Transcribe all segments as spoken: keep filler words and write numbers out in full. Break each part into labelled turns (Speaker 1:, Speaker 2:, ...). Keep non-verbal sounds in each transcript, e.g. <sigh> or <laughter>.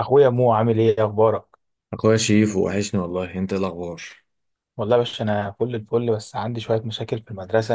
Speaker 1: اخويا مو، عامل ايه؟ إيه اخبارك؟
Speaker 2: اخويا شيف، وحشني والله. انت إيه الاخبار؟
Speaker 1: والله يا باشا، انا فل الفل، بس عندي شويه مشاكل في المدرسه.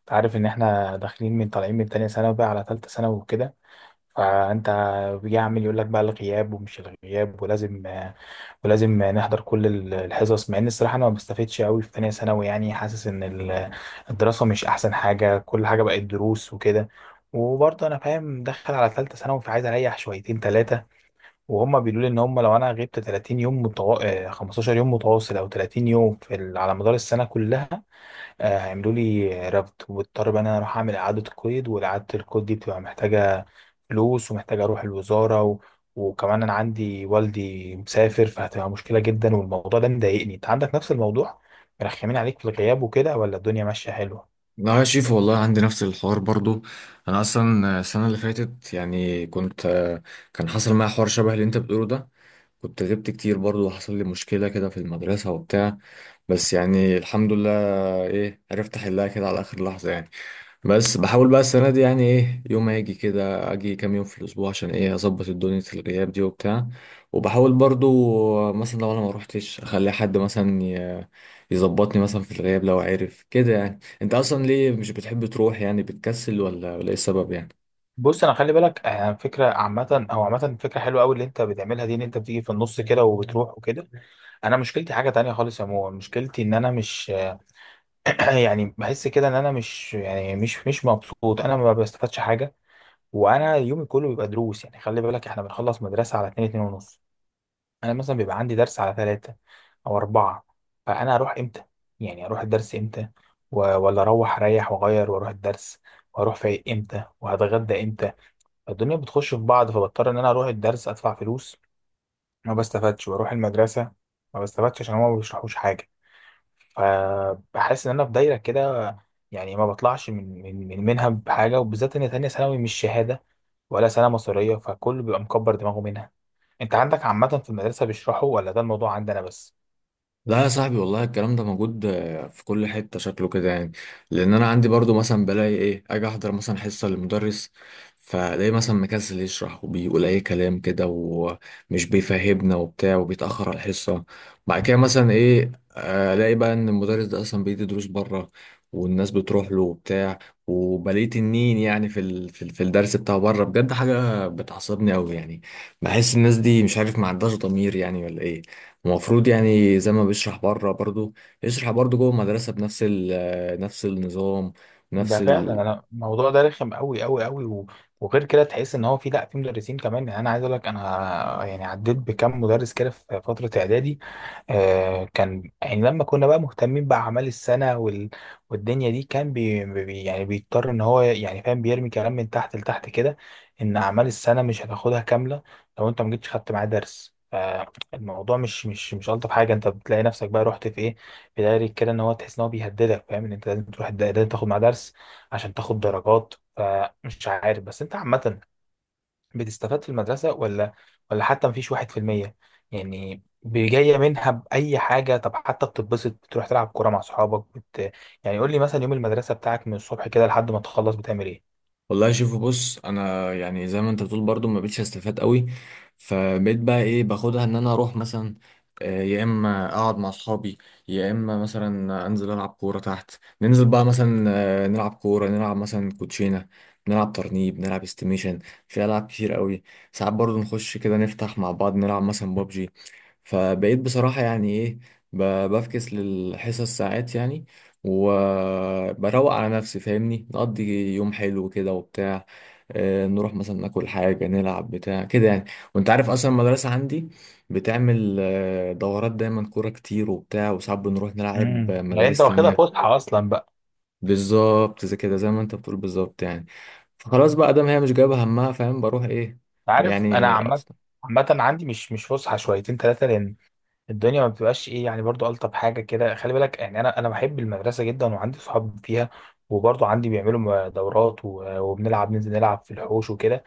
Speaker 1: انت عارف ان احنا داخلين من طالعين من تانية ثانوي بقى على تالتة ثانوي وكده. فانت بيجي عامل يقول لك بقى الغياب ومش الغياب، ولازم ولازم نحضر كل ال- الحصص. مع ان الصراحه انا ما بستفدش قوي في تانية ثانوي، يعني حاسس ان ال- الدراسه مش احسن حاجه، كل حاجه بقت دروس وكده. وبرضه انا فاهم داخل على تالتة ثانوي، فعايز اريح شويتين تلاتة. وهم بيقولوا لي ان هم لو انا غبت 30 يوم متو... آه، 15 يوم متواصل، او 30 يوم في ال... على مدار السنه كلها، آه، هيعملوا لي رفض، واضطر بقى ان انا اروح اعمل اعاده قيد. واعاده القيد دي بتبقى محتاجه فلوس، ومحتاجه اروح الوزاره و... وكمان انا عندي والدي مسافر، فهتبقى مشكله جدا، والموضوع ده مضايقني. انت عندك نفس الموضوع؟ مرخمين عليك في الغياب وكده، ولا الدنيا ماشيه حلوه؟
Speaker 2: لا يا شيف والله عندي نفس الحوار برضو. انا اصلا السنه اللي فاتت يعني كنت كان حصل معايا حوار شبه اللي انت بتقوله ده. كنت غبت كتير برضو وحصل لي مشكله كده في المدرسه وبتاع، بس يعني الحمد لله ايه عرفت احلها كده على اخر لحظه يعني. بس بحاول بقى السنة دي يعني ايه، يوم هاجي كده اجي كام يوم في الاسبوع عشان ايه اظبط الدنيا الغياب دي وبتاع. وبحاول برضو مثلا لو انا ما روحتش اخلي حد مثلا ي- يظبطني مثلا في الغياب لو عارف كده. يعني انت اصلا ليه مش بتحب تروح؟ يعني بتكسل ولا ولا ايه السبب يعني؟
Speaker 1: بص، انا خلي بالك، آه، فكره عامه او عامه فكره حلوه قوي اللي انت بتعملها دي، ان انت بتيجي في النص كده وبتروح وكده. انا مشكلتي حاجه تانية خالص يا مو، مشكلتي ان انا مش <clears throat> يعني بحس كده ان انا مش، يعني، مش مش مبسوط. انا ما بستفادش حاجه، وانا يومي كله بيبقى دروس. يعني خلي بالك احنا بنخلص مدرسه على اتنين، اتنين ونص، انا مثلا بيبقى عندي درس على ثلاثة او أربعة. فانا اروح امتى؟ يعني اروح الدرس امتى؟ و- ولا اروح اريح واغير واروح الدرس؟ واروح فايق امتى؟ وهتغدى امتى؟ الدنيا بتخش في بعض، فبضطر ان انا اروح الدرس ادفع فلوس ما بستفادش، واروح المدرسه ما بستفادش عشان هما ما بيشرحوش حاجه. فبحس ان انا في دايره كده، يعني ما بطلعش من من من منها بحاجه، وبالذات ان تانية ثانوي مش شهاده ولا سنه مصريه، فكله بيبقى مكبر دماغه منها. انت عندك عامه في المدرسه بيشرحوا، ولا ده الموضوع عندنا بس؟
Speaker 2: لا يا صاحبي والله الكلام ده موجود آه، في كل حتة، شكله كده يعني. لأن أنا عندي برضو مثلا بلاقي إيه، أجي أحضر مثلا حصة للمدرس فلاقي مثلا مكسل يشرح وبيقول أي كلام كده ومش بيفهمنا وبتاع وبيتأخر على الحصة. بعد كده مثلا إيه، آه، ألاقي بقى إن المدرس ده أصلا بيدي دروس بره والناس بتروح له وبتاع، وبلاقي تنين يعني في ال... في ال- في الدرس بتاعه بره. بجد حاجة بتعصبني أوي يعني، بحس الناس دي مش عارف، ما عندهاش ضمير يعني ولا إيه. المفروض يعني زي ما بيشرح بره برضو يشرح برضو جوه المدرسة بنفس ال نفس النظام، نفس
Speaker 1: ده فعلا،
Speaker 2: ال-
Speaker 1: انا الموضوع ده رخم قوي قوي قوي. و... وغير كده تحس ان هو في، لا، في مدرسين كمان. يعني انا عايز اقول لك، انا يعني عديت بكم مدرس كده في فتره اعدادي، آه، كان يعني لما كنا بقى مهتمين بأعمال السنة وال... والدنيا دي، كان بي... بي... يعني بيضطر إن هو، يعني فاهم، بيرمي كلام من تحت لتحت كده إن أعمال السنة مش هتاخدها كاملة لو أنت ما جيتش خدت معاه درس. فالموضوع مش مش مش ألطف حاجة. أنت بتلاقي نفسك بقى رحت في إيه، في دايرة كده، إن هو تحس إن هو بيهددك، فاهم، إن أنت لازم تروح الد- لازم تاخد معاه درس عشان تاخد درجات. فمش عارف، بس أنت عامة بتستفاد في المدرسة ولا ولا حتى مفيش واحد في المية يعني بي- جاية منها بأي حاجة؟ طب حتى بتتبسط، بتروح تلعب كورة مع صحابك بت... يعني قول لي مثلا، يوم المدرسة بتاعك من الصبح كده لحد ما تخلص بتعمل ايه؟
Speaker 2: والله شوف، بص انا يعني زي ما انت بتقول برضو ما بقتش استفاد قوي. فبقيت بقى ايه باخدها ان انا اروح مثلا آه، يا اما اقعد مع اصحابي، يا اما مثلا انزل العب كوره تحت. ننزل بقى مثلا آه، نلعب كوره، نلعب مثلا كوتشينه، نلعب ترنيب، نلعب استيميشن، في العاب كتير قوي. ساعات برضو نخش كده نفتح مع بعض نلعب مثلا بابجي. فبقيت بصراحه يعني ايه ب- بفكس للحصص ساعات يعني، وبروق على نفسي، فاهمني، نقضي يوم حلو كده وبتاع. آه، نروح مثلا ناكل حاجة، نلعب بتاع كده يعني. وانت عارف اصلا المدرسة عندي بتعمل آه، دورات دايما كورة كتير وبتاع، وساعات بنروح نلعب
Speaker 1: امم
Speaker 2: آه،
Speaker 1: يعني انت
Speaker 2: مدارس
Speaker 1: واخدها
Speaker 2: تانية.
Speaker 1: فسحة اصلا بقى؟
Speaker 2: بالظبط زي كده، زي ما انت بتقول بالظبط يعني. فخلاص بقى دام هي مش جايبة همها، فاهم، بروح ايه
Speaker 1: عارف، انا
Speaker 2: يعني
Speaker 1: عامة
Speaker 2: أبسط.
Speaker 1: عامة عندي مش مش فسحة شويتين ثلاثة، لأن الدنيا ما بتبقاش ايه، يعني برضو ألطف حاجة كده. خلي بالك يعني، أنا أنا بحب المدرسة جدا، وعندي صحاب فيها، وبرضو عندي بيعملوا دورات، و- وبنلعب، ننزل نلعب في الحوش وكده.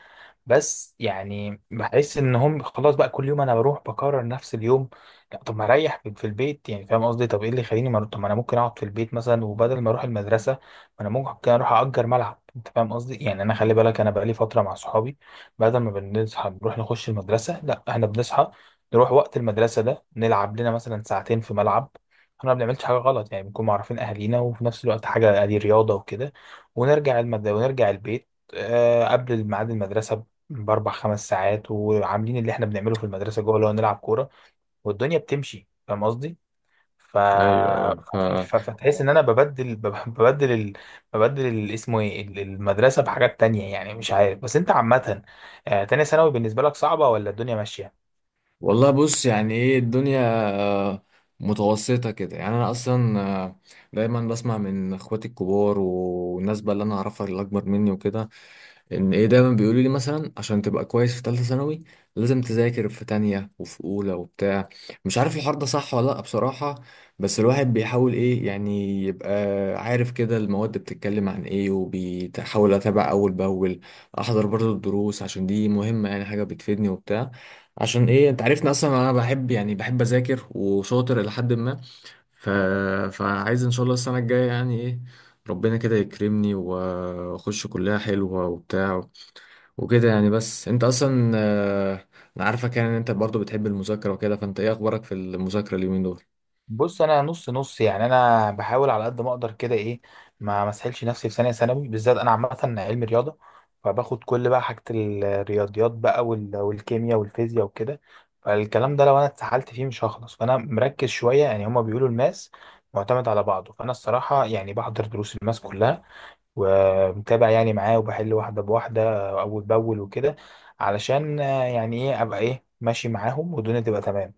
Speaker 1: بس يعني بحس ان هم خلاص بقى، كل يوم انا بروح بكرر نفس اليوم. لا طب ما اريح في في البيت يعني، فاهم قصدي؟ طب ايه اللي يخليني ما أروح- طب ما انا ممكن اقعد في البيت مثلا، وبدل ما اروح المدرسه، ما انا ممكن اروح اجر ملعب. انت فاهم قصدي يعني؟ انا خلي بالك، انا بقالي فتره مع صحابي بدل ما بنصحى نروح نخش المدرسه، لا احنا بنصحى نروح وقت المدرسه ده، نلعب لنا مثلا ساعتين في ملعب. احنا ما بنعملش حاجه غلط يعني، بنكون معرفين اهالينا، وفي نفس الوقت حاجه دي رياضه وكده، ونرجع المد... ونرجع البيت آه، قبل ميعاد المدرسة باربع خمس ساعات، وعاملين اللي احنا بنعمله في المدرسه جوه، اللي هو نلعب كوره. والدنيا بتمشي، فاهم قصدي؟ ف...
Speaker 2: ايوه، ايوه.
Speaker 1: ففي- ف... فتحس ان انا ببدل بب- ببدل ال... ببدل ال... اسمه ايه ال- المدرسه بحاجات تانية يعني. مش عارف، بس انت عامه، آه، تانية ثانوي بالنسبه لك صعبه، ولا الدنيا ماشيه؟
Speaker 2: والله بص، يعني ايه الدنيا آه، متوسطة كده. يعني انا اصلا آه، دايما بسمع من اخواتي الكبار والناس بقى اللي انا اعرفها اللي اكبر مني وكده ان ايه، دايما بيقولوا لي مثلا عشان تبقى كويس في ثالثه ثانوي لازم تذاكر في تانية وفي اولى وبتاع. مش عارف الحوار ده صح ولا لا بصراحه، بس الواحد بيحاول ايه يعني يبقى عارف كده المواد بتتكلم عن ايه، وبيحاول اتابع اول باول، احضر برضه الدروس عشان دي مهمه يعني، حاجه بتفيدني وبتاع. عشان ايه، انت عارفني اصلا انا بحب، يعني بحب اذاكر وشاطر الى حد ما. ف... فعايز ان شاء الله السنه الجايه يعني ايه ربنا كده يكرمني واخش كلها حلوة وبتاع وكده يعني. بس انت اصلا آه، انا عارفك يعني ان انت برضو بتحب المذاكرة وكده. فانت ايه اخبارك في المذاكرة اليومين دول؟
Speaker 1: بص، انا نص نص يعني، انا بحاول على قد ما اقدر كده. ايه، ما مسحلش نفسي في ثانيه ثانوي، بالذات انا عامه علم رياضه، فباخد كل بقى حاجه، الرياضيات بقى وال- والكيمياء والفيزياء وكده. فالكلام ده لو انا اتسحلت فيه مش هخلص، فانا مركز شويه. يعني هما بيقولوا الماس معتمد على بعضه، فانا الصراحه يعني بحضر دروس الماس كلها، ومتابع يعني معاه، وبحل واحده بواحده اول باول وكده، علشان آه، يعني ايه، ابقى ايه ماشي معاهم، والدنيا تبقى تمام.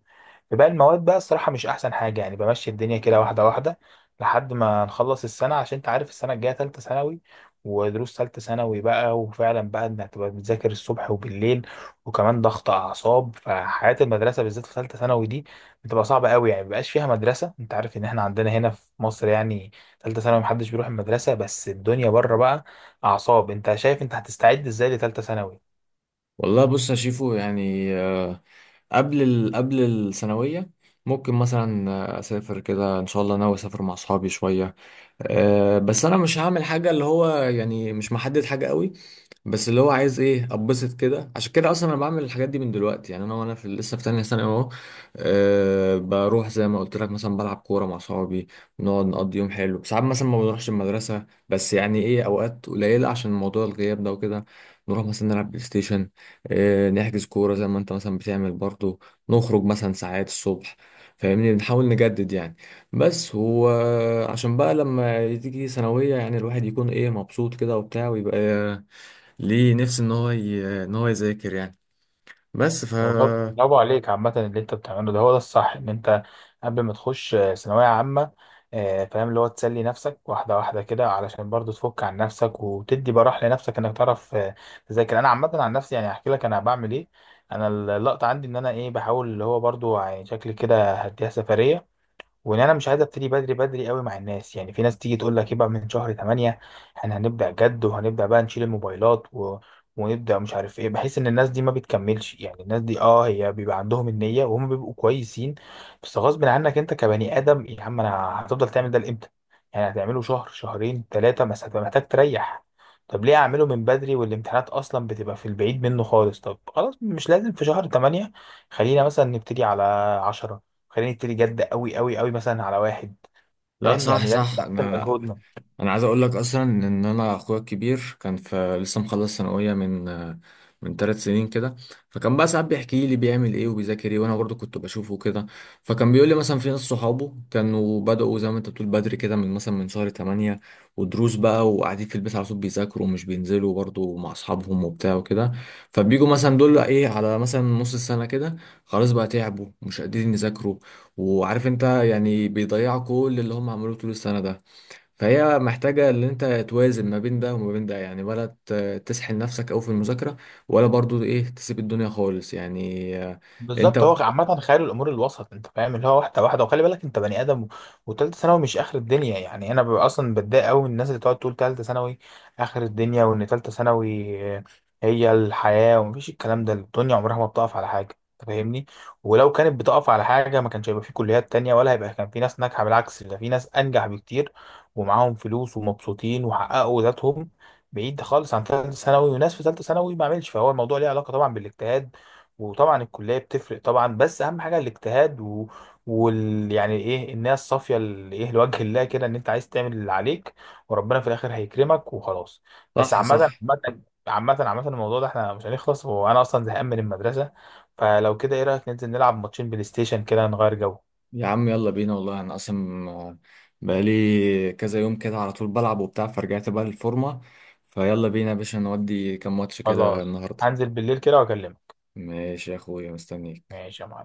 Speaker 1: في باقي المواد بقى، الصراحة مش أحسن حاجة، يعني بمشي الدنيا كده واحدة واحدة لحد ما نخلص السنة، عشان أنت عارف السنة الجاية تالتة ثانوي، ودروس تالتة ثانوي بقى. وفعلا بقى، إنك تبقى بتذاكر الصبح وبالليل وكمان ضغط أعصاب، فحياة المدرسة بالذات في تالتة ثانوي دي بتبقى صعبة قوي، يعني مبقاش فيها مدرسة. أنت عارف إن إحنا عندنا هنا في مصر يعني تالتة ثانوي محدش بيروح المدرسة، بس الدنيا بره بقى أعصاب. أنت شايف أنت هتستعد إزاي لتالتة ثانوي؟
Speaker 2: والله بص يا شيفو، يعني آه، قبل ال... قبل الثانوية ممكن مثلا آه، اسافر كده، ان شاء الله ناوي اسافر مع اصحابي شوية. آه، بس انا مش هعمل حاجة، اللي هو يعني مش محدد حاجة قوي، بس اللي هو عايز ايه اتبسط كده. عشان كده اصلا انا بعمل الحاجات دي من دلوقتي يعني، انا وانا في لسه في تانية ثانوي اهو. أه بروح زي ما قلت لك مثلا بلعب كورة مع صحابي، نقعد نقضي يوم حلو. ساعات مثلا ما بنروحش المدرسة، بس يعني ايه اوقات قليلة عشان موضوع الغياب ده وكده. نروح مثلا نلعب بلاي ستيشن، أه نحجز كورة زي ما انت مثلا بتعمل برضو، نخرج مثلا ساعات الصبح، فاهمني، بنحاول نجدد يعني. بس هو عشان بقى لما تيجي ثانوية يعني الواحد يكون ايه مبسوط كده وبتاع، ويبقى ليه نفسي ان هو ي... ان هو يذاكر يعني. بس ف
Speaker 1: والله برافو عليك، عامة اللي انت بتعمله ده هو ده الصح. ان انت قبل ما تخش آه، ثانوية عامة، آه، فاهم، اللي هو تسلي نفسك واحدة واحدة كده، علشان برضو تفك عن نفسك، وتدي براح لنفسك انك تعرف آه، تذاكر. انا عامة عن نفسي، يعني احكي لك انا بعمل ايه. انا اللقطة عندي ان انا ايه، بحاول اللي هو برضو، يعني شكلي كده هديها سفرية، وان انا مش عايز ابتدي بدري بدري قوي مع الناس. يعني في ناس تيجي تقول لك يبقى من شهر تمانية احنا هنبدا جد، وهنبدا بقى نشيل الموبايلات و... ونبدا مش عارف ايه. بحس ان الناس دي ما بتكملش، يعني الناس دي اه هي بيبقى عندهم النيه، وهم بيبقوا كويسين، بس غصب عنك انت كبني ادم يا عم. انا هتفضل تعمل ده لامتى؟ يعني هتعمله شهر، شهرين، ثلاثه، بس هتبقى محتاج تريح. طب ليه اعمله من بدري والامتحانات اصلا بتبقى في البعيد منه خالص؟ طب خلاص، مش لازم في شهر تمانية، خلينا مثلا نبتدي على عشرة، خلينا نبتدي جد قوي قوي قوي مثلا على واحد.
Speaker 2: لا
Speaker 1: فاهم؟
Speaker 2: صح،
Speaker 1: يعني لازم
Speaker 2: صح.
Speaker 1: نحسن
Speaker 2: انا
Speaker 1: مجهودنا.
Speaker 2: انا عايز اقول لك اصلا ان انا اخويا الكبير كان في لسه مخلص ثانويه من من ثلاث سنين كده. فكان بقى ساعات بيحكي لي بيعمل ايه وبيذاكر ايه، وانا برضو كنت بشوفه كده. فكان بيقول لي مثلا في ناس صحابه كانوا بدأوا زي ما انت بتقول بدري كده من مثلا من شهر ثمانية، ودروس بقى، وقاعدين في البيت على طول بيذاكروا ومش بينزلوا برضو مع اصحابهم وبتاع وكده. فبيجوا مثلا دول ايه على مثلا نص السنه كده خلاص بقى، تعبوا مش قادرين يذاكروا، وعارف انت يعني بيضيعوا كل اللي هم عملوه طول السنه ده. فهي محتاجة ان انت توازن ما بين ده وما بين ده يعني، ولا ت- تسحل نفسك اوي في المذاكرة، ولا برضو ايه تسيب الدنيا خالص يعني آه، انت.
Speaker 1: بالظبط، هو عامة خيال الأمور الوسط، أنت فاهم، اللي هو واحدة واحدة. وخلي بالك أنت بني آدم، و- وتالتة ثانوي مش آخر الدنيا يعني. أنا ببقى أصلا بتضايق أوي من الناس اللي تقعد تقول تالتة ثانوي آخر الدنيا، وإن تالتة ثانوي آه، هي الحياة، ومفيش الكلام ده. الدنيا عمرها ما بتقف على حاجة، أنت فاهمني؟ ولو كانت بتقف على حاجة ما كانش هيبقى في كليات تانية، ولا هيبقى كان في ناس ناجحة. بالعكس، ده في ناس أنجح بكتير، ومعاهم فلوس، ومبسوطين، وحققوا ذاتهم بعيد خالص عن ثالثة ثانوي. وناس في ثالثة ثانوي ما عملش، فهو الموضوع ليه علاقة طبعا بالاجتهاد، وطبعا الكليه بتفرق طبعا، بس اهم حاجه الاجتهاد و... وال يعني ايه، النيه الصافيه، ال- ايه لوجه الله كده، ان انت عايز تعمل اللي عليك، وربنا في الاخر هيكرمك وخلاص. بس
Speaker 2: صح،
Speaker 1: عامه
Speaker 2: صح.
Speaker 1: عامه عامه عامه الموضوع ده احنا مش هنخلص، وانا اصلا زهقان من المدرسه. فلو كده، ايه رايك ننزل نلعب ماتشين بلاي ستيشن كده، نغير جو؟
Speaker 2: يا عم يلا بينا والله، انا اصلا آه، بقالي كذا يوم كده على طول بلعب وبتاع، فرجعت بقى للفورمة. فيلا بينا يا باشا، نودي كام ماتش كده
Speaker 1: خلاص،
Speaker 2: النهاردة.
Speaker 1: هنزل بالليل كده واكلمك.
Speaker 2: ماشي يا اخويا، مستنيك.
Speaker 1: ماشي يا